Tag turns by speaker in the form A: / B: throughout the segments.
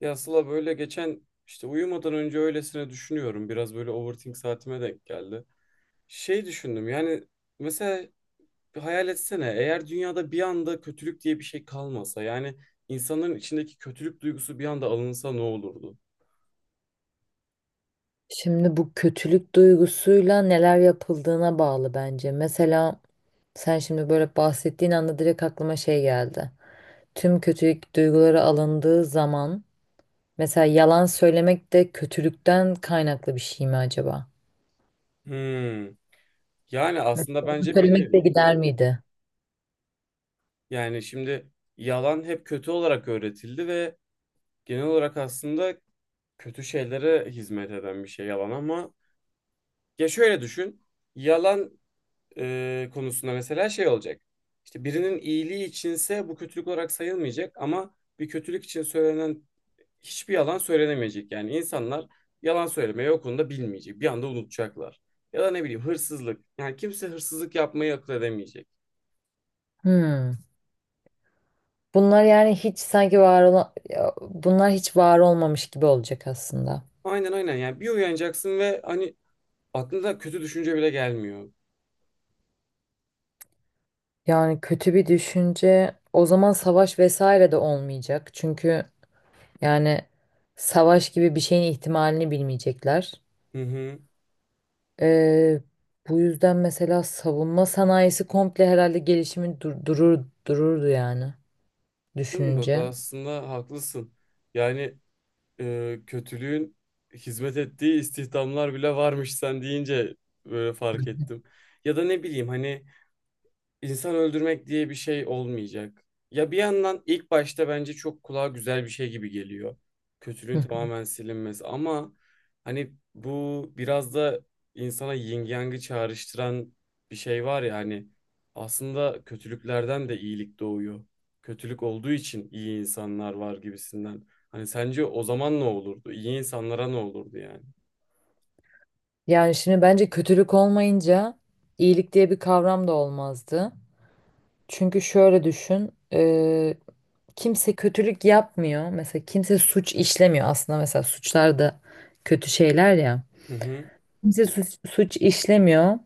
A: Ya Sıla böyle geçen işte uyumadan önce öylesine düşünüyorum. Biraz böyle overthink saatime denk geldi. Şey düşündüm yani mesela bir hayal etsene, eğer dünyada bir anda kötülük diye bir şey kalmasa yani insanların içindeki kötülük duygusu bir anda alınsa ne olurdu?
B: Şimdi bu kötülük duygusuyla neler yapıldığına bağlı bence. Mesela sen şimdi böyle bahsettiğin anda direkt aklıma geldi. Tüm kötülük duyguları alındığı zaman mesela yalan söylemek de kötülükten kaynaklı bir şey mi acaba?
A: Hmm. Yani
B: Mesela
A: aslında
B: yalan
A: bence bir
B: söylemek de
A: nevi.
B: gider miydi?
A: Yani şimdi yalan hep kötü olarak öğretildi ve genel olarak aslında kötü şeylere hizmet eden bir şey yalan, ama ya şöyle düşün. Yalan konusunda mesela şey olacak. İşte birinin iyiliği içinse bu kötülük olarak sayılmayacak, ama bir kötülük için söylenen hiçbir yalan söylenemeyecek. Yani insanlar yalan söylemeyi o konuda bilmeyecek. Bir anda unutacaklar. Ya da ne bileyim, hırsızlık. Yani kimse hırsızlık yapmayı akıl edemeyecek.
B: Hmm. Bunlar yani hiç sanki var olan, ya, bunlar hiç var olmamış gibi olacak aslında.
A: Aynen aynen, yani bir uyanacaksın ve hani aklına kötü düşünce bile gelmiyor.
B: Yani kötü bir düşünce o zaman savaş vesaire de olmayacak. Çünkü yani savaş gibi bir şeyin ihtimalini bilmeyecekler.
A: Hı hı.
B: Ee, Bu yüzden mesela savunma sanayisi komple herhalde gelişimi durur dururdu yani
A: Değil mi? Bak,
B: düşününce.
A: aslında haklısın. Yani kötülüğün hizmet ettiği istihdamlar bile varmış sen deyince böyle fark ettim. Ya da ne bileyim, hani İnsan öldürmek diye bir şey olmayacak. Ya bir yandan ilk başta bence çok kulağa güzel bir şey gibi geliyor. Kötülüğün
B: Hı.
A: tamamen silinmesi, ama hani bu biraz da insana yin yang'ı çağrıştıran bir şey var ya, hani aslında kötülüklerden de iyilik doğuyor. Kötülük olduğu için iyi insanlar var gibisinden. Hani sence o zaman ne olurdu? İyi insanlara ne olurdu yani?
B: Yani şimdi bence kötülük olmayınca iyilik diye bir kavram da olmazdı. Çünkü şöyle düşün, kimse kötülük yapmıyor. Mesela kimse suç işlemiyor. Aslında mesela suçlar da kötü şeyler ya.
A: Hı hı,
B: Kimse suç işlemiyor.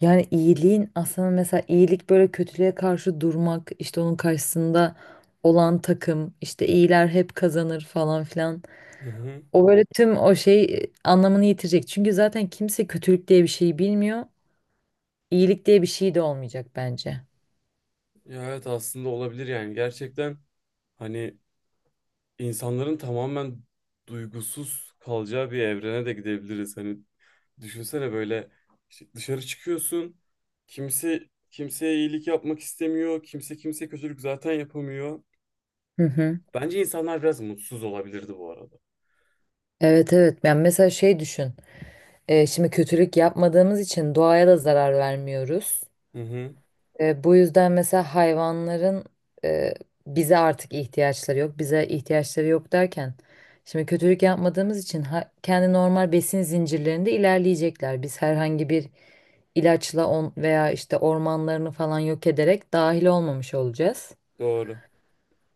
B: Yani iyiliğin aslında mesela iyilik böyle kötülüğe karşı durmak işte onun karşısında olan takım işte iyiler hep kazanır falan filan.
A: hı hı.
B: O böyle tüm o anlamını yitirecek. Çünkü zaten kimse kötülük diye bir şeyi bilmiyor. İyilik diye bir şey de olmayacak bence.
A: Ya evet, aslında olabilir yani gerçekten, hani insanların tamamen duygusuz kalacağı bir evrene de gidebiliriz. Hani düşünsene, böyle işte dışarı çıkıyorsun. Kimse kimseye iyilik yapmak istemiyor. Kimse kimseye kötülük zaten yapamıyor.
B: Hı hı.
A: Bence insanlar biraz mutsuz olabilirdi bu arada.
B: Evet evet. Yani mesela şey düşün. Şimdi kötülük yapmadığımız için doğaya da zarar vermiyoruz.
A: Hı hı,
B: Bu yüzden mesela hayvanların e, bize artık ihtiyaçları yok. Bize ihtiyaçları yok derken şimdi kötülük yapmadığımız için kendi normal besin zincirlerinde ilerleyecekler. Biz herhangi bir ilaçla on veya işte ormanlarını falan yok ederek dahil olmamış olacağız.
A: doğru.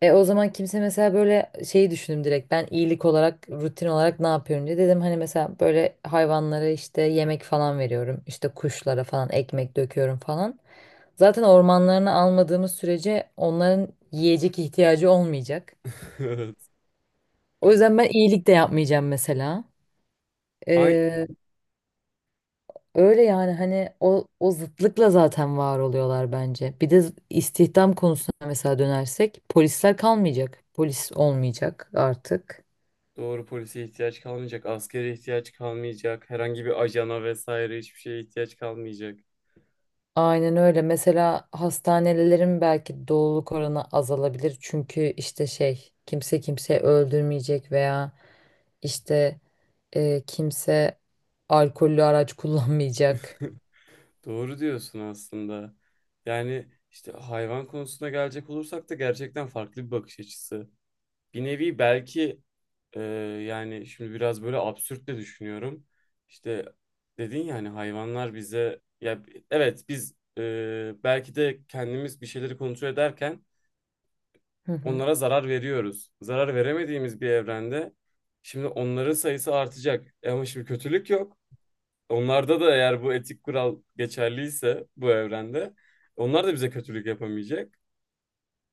B: E o zaman kimse mesela böyle şeyi düşündüm direkt ben iyilik olarak rutin olarak ne yapıyorum diye dedim hani mesela böyle hayvanlara işte yemek falan veriyorum işte kuşlara falan ekmek döküyorum falan. Zaten ormanlarını almadığımız sürece onların yiyecek ihtiyacı olmayacak.
A: Evet.
B: O yüzden ben iyilik de yapmayacağım mesela.
A: Aynı
B: Ee, Öyle yani hani o zıtlıkla zaten var oluyorlar bence. Bir de istihdam konusuna mesela dönersek polisler kalmayacak. Polis olmayacak artık.
A: doğru, polise ihtiyaç kalmayacak, askere ihtiyaç kalmayacak, herhangi bir ajana vesaire hiçbir şeye ihtiyaç kalmayacak.
B: Aynen öyle. Mesela hastanelerin belki doluluk oranı azalabilir. Çünkü işte şey kimse kimseyi öldürmeyecek veya İşte kimse alkollü araç kullanmayacak.
A: Doğru diyorsun aslında. Yani işte hayvan konusuna gelecek olursak da gerçekten farklı bir bakış açısı. Bir nevi belki e, yani şimdi biraz böyle absürt de düşünüyorum. İşte dedin ya hani, hayvanlar bize, ya evet biz, belki de kendimiz bir şeyleri kontrol ederken
B: Hı hı.
A: onlara zarar veriyoruz. Zarar veremediğimiz bir evrende şimdi onların sayısı artacak. E ama şimdi kötülük yok. Onlarda da eğer bu etik kural geçerliyse bu evrende onlar da bize kötülük yapamayacak.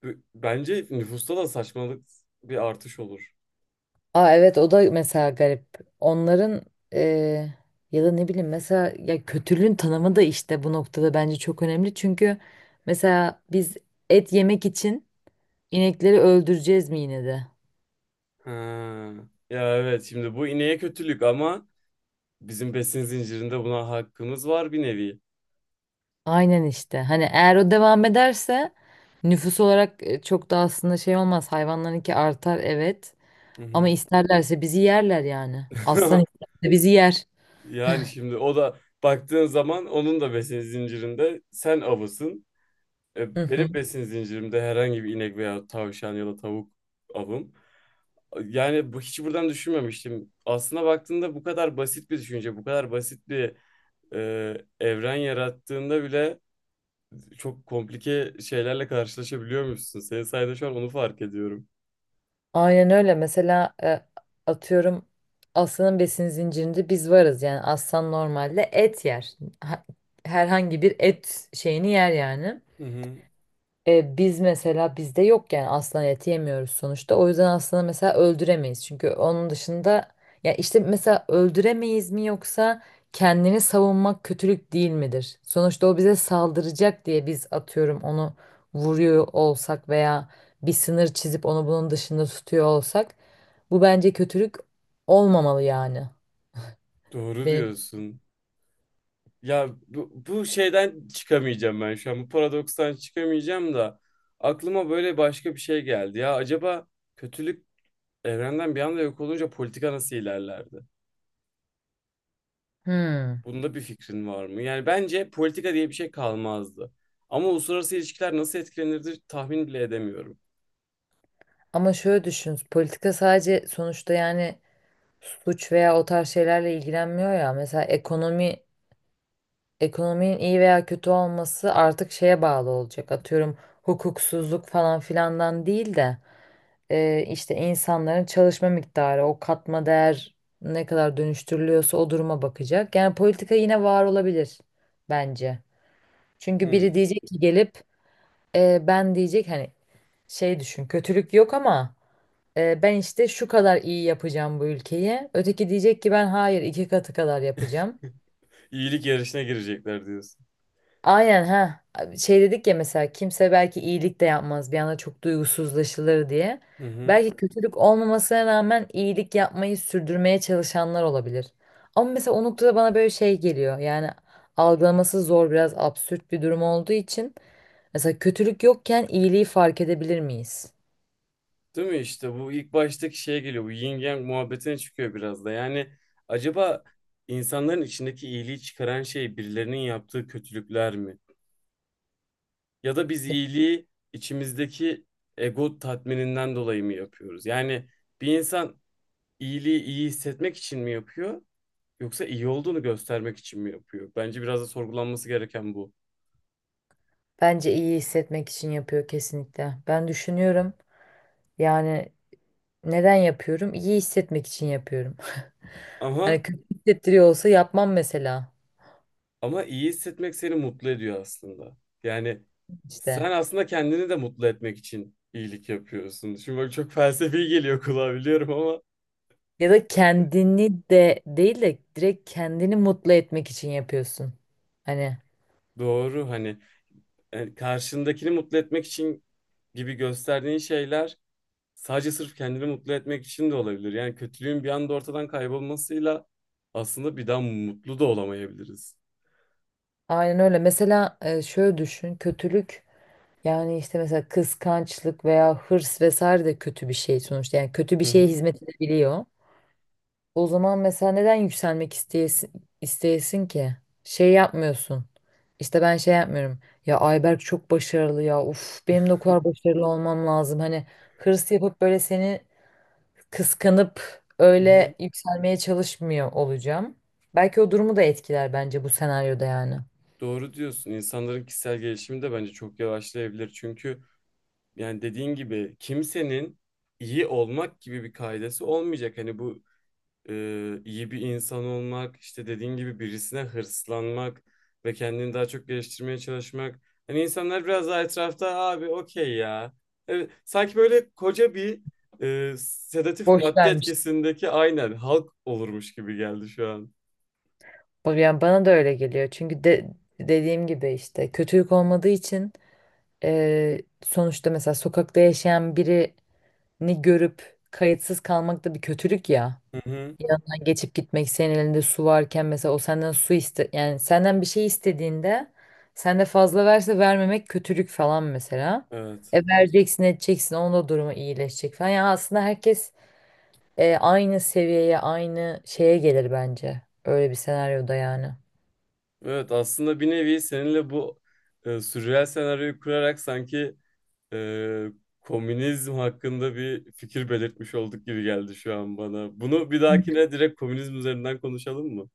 A: Bence nüfusta da saçmalık bir artış olur.
B: Aa evet o da mesela garip. Onların e, ya da ne bileyim mesela ya kötülüğün tanımı da işte bu noktada bence çok önemli. Çünkü mesela biz et yemek için inekleri öldüreceğiz mi yine de?
A: Ha. Ya evet, şimdi bu ineğe kötülük, ama bizim besin zincirinde buna hakkımız var bir nevi.
B: Aynen işte. Hani eğer o devam ederse nüfus olarak çok da aslında şey olmaz. Hayvanlarınki artar evet.
A: Hı
B: Ama
A: hı.
B: isterlerse bizi yerler yani. Aslan isterse bizi yer.
A: Yani şimdi o da baktığın zaman onun da besin zincirinde sen avısın.
B: Hı
A: E, benim
B: hı.
A: besin zincirimde herhangi bir inek veya tavşan ya da tavuk avım. Yani bu hiç buradan düşünmemiştim. Aslına baktığında bu kadar basit bir düşünce, bu kadar basit bir evren yarattığında bile çok komplike şeylerle karşılaşabiliyormuşsun. Senin sayede şu an onu fark ediyorum.
B: Aynen öyle. Mesela atıyorum aslanın besin zincirinde biz varız. Yani aslan normalde et yer. Herhangi bir et şeyini yer yani.
A: Hı hı.
B: Biz mesela bizde yok yani aslan eti yemiyoruz sonuçta. O yüzden aslanı mesela öldüremeyiz. Çünkü onun dışında ya işte mesela öldüremeyiz mi yoksa kendini savunmak kötülük değil midir? Sonuçta o bize saldıracak diye biz atıyorum onu vuruyor olsak veya bir sınır çizip onu bunun dışında tutuyor olsak bu bence kötülük olmamalı yani.
A: Doğru
B: Benim.
A: diyorsun. Ya bu şeyden çıkamayacağım ben şu an. Bu paradokstan çıkamayacağım da aklıma böyle başka bir şey geldi. Ya acaba kötülük evrenden bir anda yok olunca politika nasıl ilerlerdi?
B: Hmm.
A: Bunda bir fikrin var mı? Yani bence politika diye bir şey kalmazdı. Ama uluslararası ilişkiler nasıl etkilenirdi tahmin bile edemiyorum.
B: Ama şöyle düşün. Politika sadece sonuçta yani suç veya o tarz şeylerle ilgilenmiyor ya. Mesela ekonominin iyi veya kötü olması artık şeye bağlı olacak. Atıyorum hukuksuzluk falan filandan değil de işte insanların çalışma miktarı, o katma değer ne kadar dönüştürülüyorsa o duruma bakacak. Yani politika yine var olabilir bence. Çünkü biri
A: Hmm.
B: diyecek ki gelip ben diyecek hani şey düşün kötülük yok ama ben işte şu kadar iyi yapacağım bu ülkeyi. Öteki diyecek ki ben hayır iki katı kadar yapacağım.
A: İyilik yarışına girecekler diyorsun.
B: Aynen ha. Şey dedik ya mesela kimse belki iyilik de yapmaz bir anda çok duygusuzlaşılır diye.
A: Hı hı.
B: Belki kötülük olmamasına rağmen iyilik yapmayı sürdürmeye çalışanlar olabilir. Ama mesela o noktada bana böyle şey geliyor. Yani algılaması zor biraz absürt bir durum olduğu için mesela kötülük yokken iyiliği fark edebilir miyiz?
A: Değil mi, işte bu ilk baştaki şeye geliyor. Bu yin yang muhabbetine çıkıyor biraz da. Yani acaba insanların içindeki iyiliği çıkaran şey birilerinin yaptığı kötülükler mi? Ya da biz iyiliği içimizdeki ego tatmininden dolayı mı yapıyoruz? Yani bir insan iyiliği iyi hissetmek için mi yapıyor? Yoksa iyi olduğunu göstermek için mi yapıyor? Bence biraz da sorgulanması gereken bu.
B: Bence iyi hissetmek için yapıyor kesinlikle. Ben düşünüyorum. Yani neden yapıyorum? İyi hissetmek için yapıyorum. Hani
A: Ama
B: kötü hissettiriyor olsa yapmam mesela
A: ama iyi hissetmek seni mutlu ediyor aslında. Yani
B: işte.
A: sen aslında kendini de mutlu etmek için iyilik yapıyorsun. Şimdi bak, çok felsefi geliyor kulağa biliyorum, ama
B: Ya da kendini de değil de direkt kendini mutlu etmek için yapıyorsun. Hani
A: doğru, hani yani karşındakini mutlu etmek için gibi gösterdiğin şeyler sadece sırf kendini mutlu etmek için de olabilir. Yani kötülüğün bir anda ortadan kaybolmasıyla aslında bir daha mutlu da olamayabiliriz.
B: aynen öyle. Mesela şöyle düşün. Kötülük yani işte mesela kıskançlık veya hırs vesaire de kötü bir şey sonuçta. Yani kötü bir
A: Hı
B: şeye
A: hı.
B: hizmet edebiliyor. O zaman mesela neden yükselmek isteyesin ki? Şey yapmıyorsun. İşte ben şey yapmıyorum. Ya Ayberk çok başarılı ya. Uf benim de o kadar başarılı olmam lazım. Hani hırs yapıp böyle seni kıskanıp
A: Hı hı.
B: öyle yükselmeye çalışmıyor olacağım. Belki o durumu da etkiler bence bu senaryoda yani.
A: Doğru diyorsun. İnsanların kişisel gelişimi de bence çok yavaşlayabilir. Çünkü yani dediğin gibi kimsenin iyi olmak gibi bir kaidesi olmayacak. Hani bu iyi bir insan olmak, işte dediğin gibi birisine hırslanmak ve kendini daha çok geliştirmeye çalışmak. Hani insanlar biraz daha etrafta abi okey ya. Evet, sanki böyle koca bir sedatif
B: Boş
A: madde
B: vermiş.
A: etkisindeki aynen halk olurmuş gibi geldi şu an.
B: Yani bana da öyle geliyor. Dediğim gibi işte kötülük olmadığı için sonuçta mesela sokakta yaşayan biri ni görüp kayıtsız kalmak da bir kötülük ya.
A: Hı hı.
B: Yanından geçip gitmek senin elinde su varken mesela o senden su iste yani senden bir şey istediğinde sen de fazla verse vermemek kötülük falan mesela.
A: Evet.
B: E vereceksin edeceksin onun da durumu iyileşecek falan. Yani aslında herkes aynı seviyeye aynı şeye gelir bence. Öyle bir senaryoda yani.
A: Evet, aslında bir nevi seninle bu sürreal senaryoyu kurarak sanki e, komünizm hakkında bir fikir belirtmiş olduk gibi geldi şu an bana. Bunu bir dahakine direkt komünizm üzerinden konuşalım mı?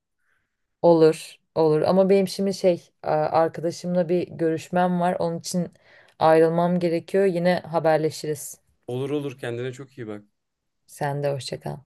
B: Olur olur ama benim şimdi şey arkadaşımla bir görüşmem var. Onun için ayrılmam gerekiyor. Yine haberleşiriz.
A: Olur olur, kendine çok iyi bak.
B: Sen de hoşça kal.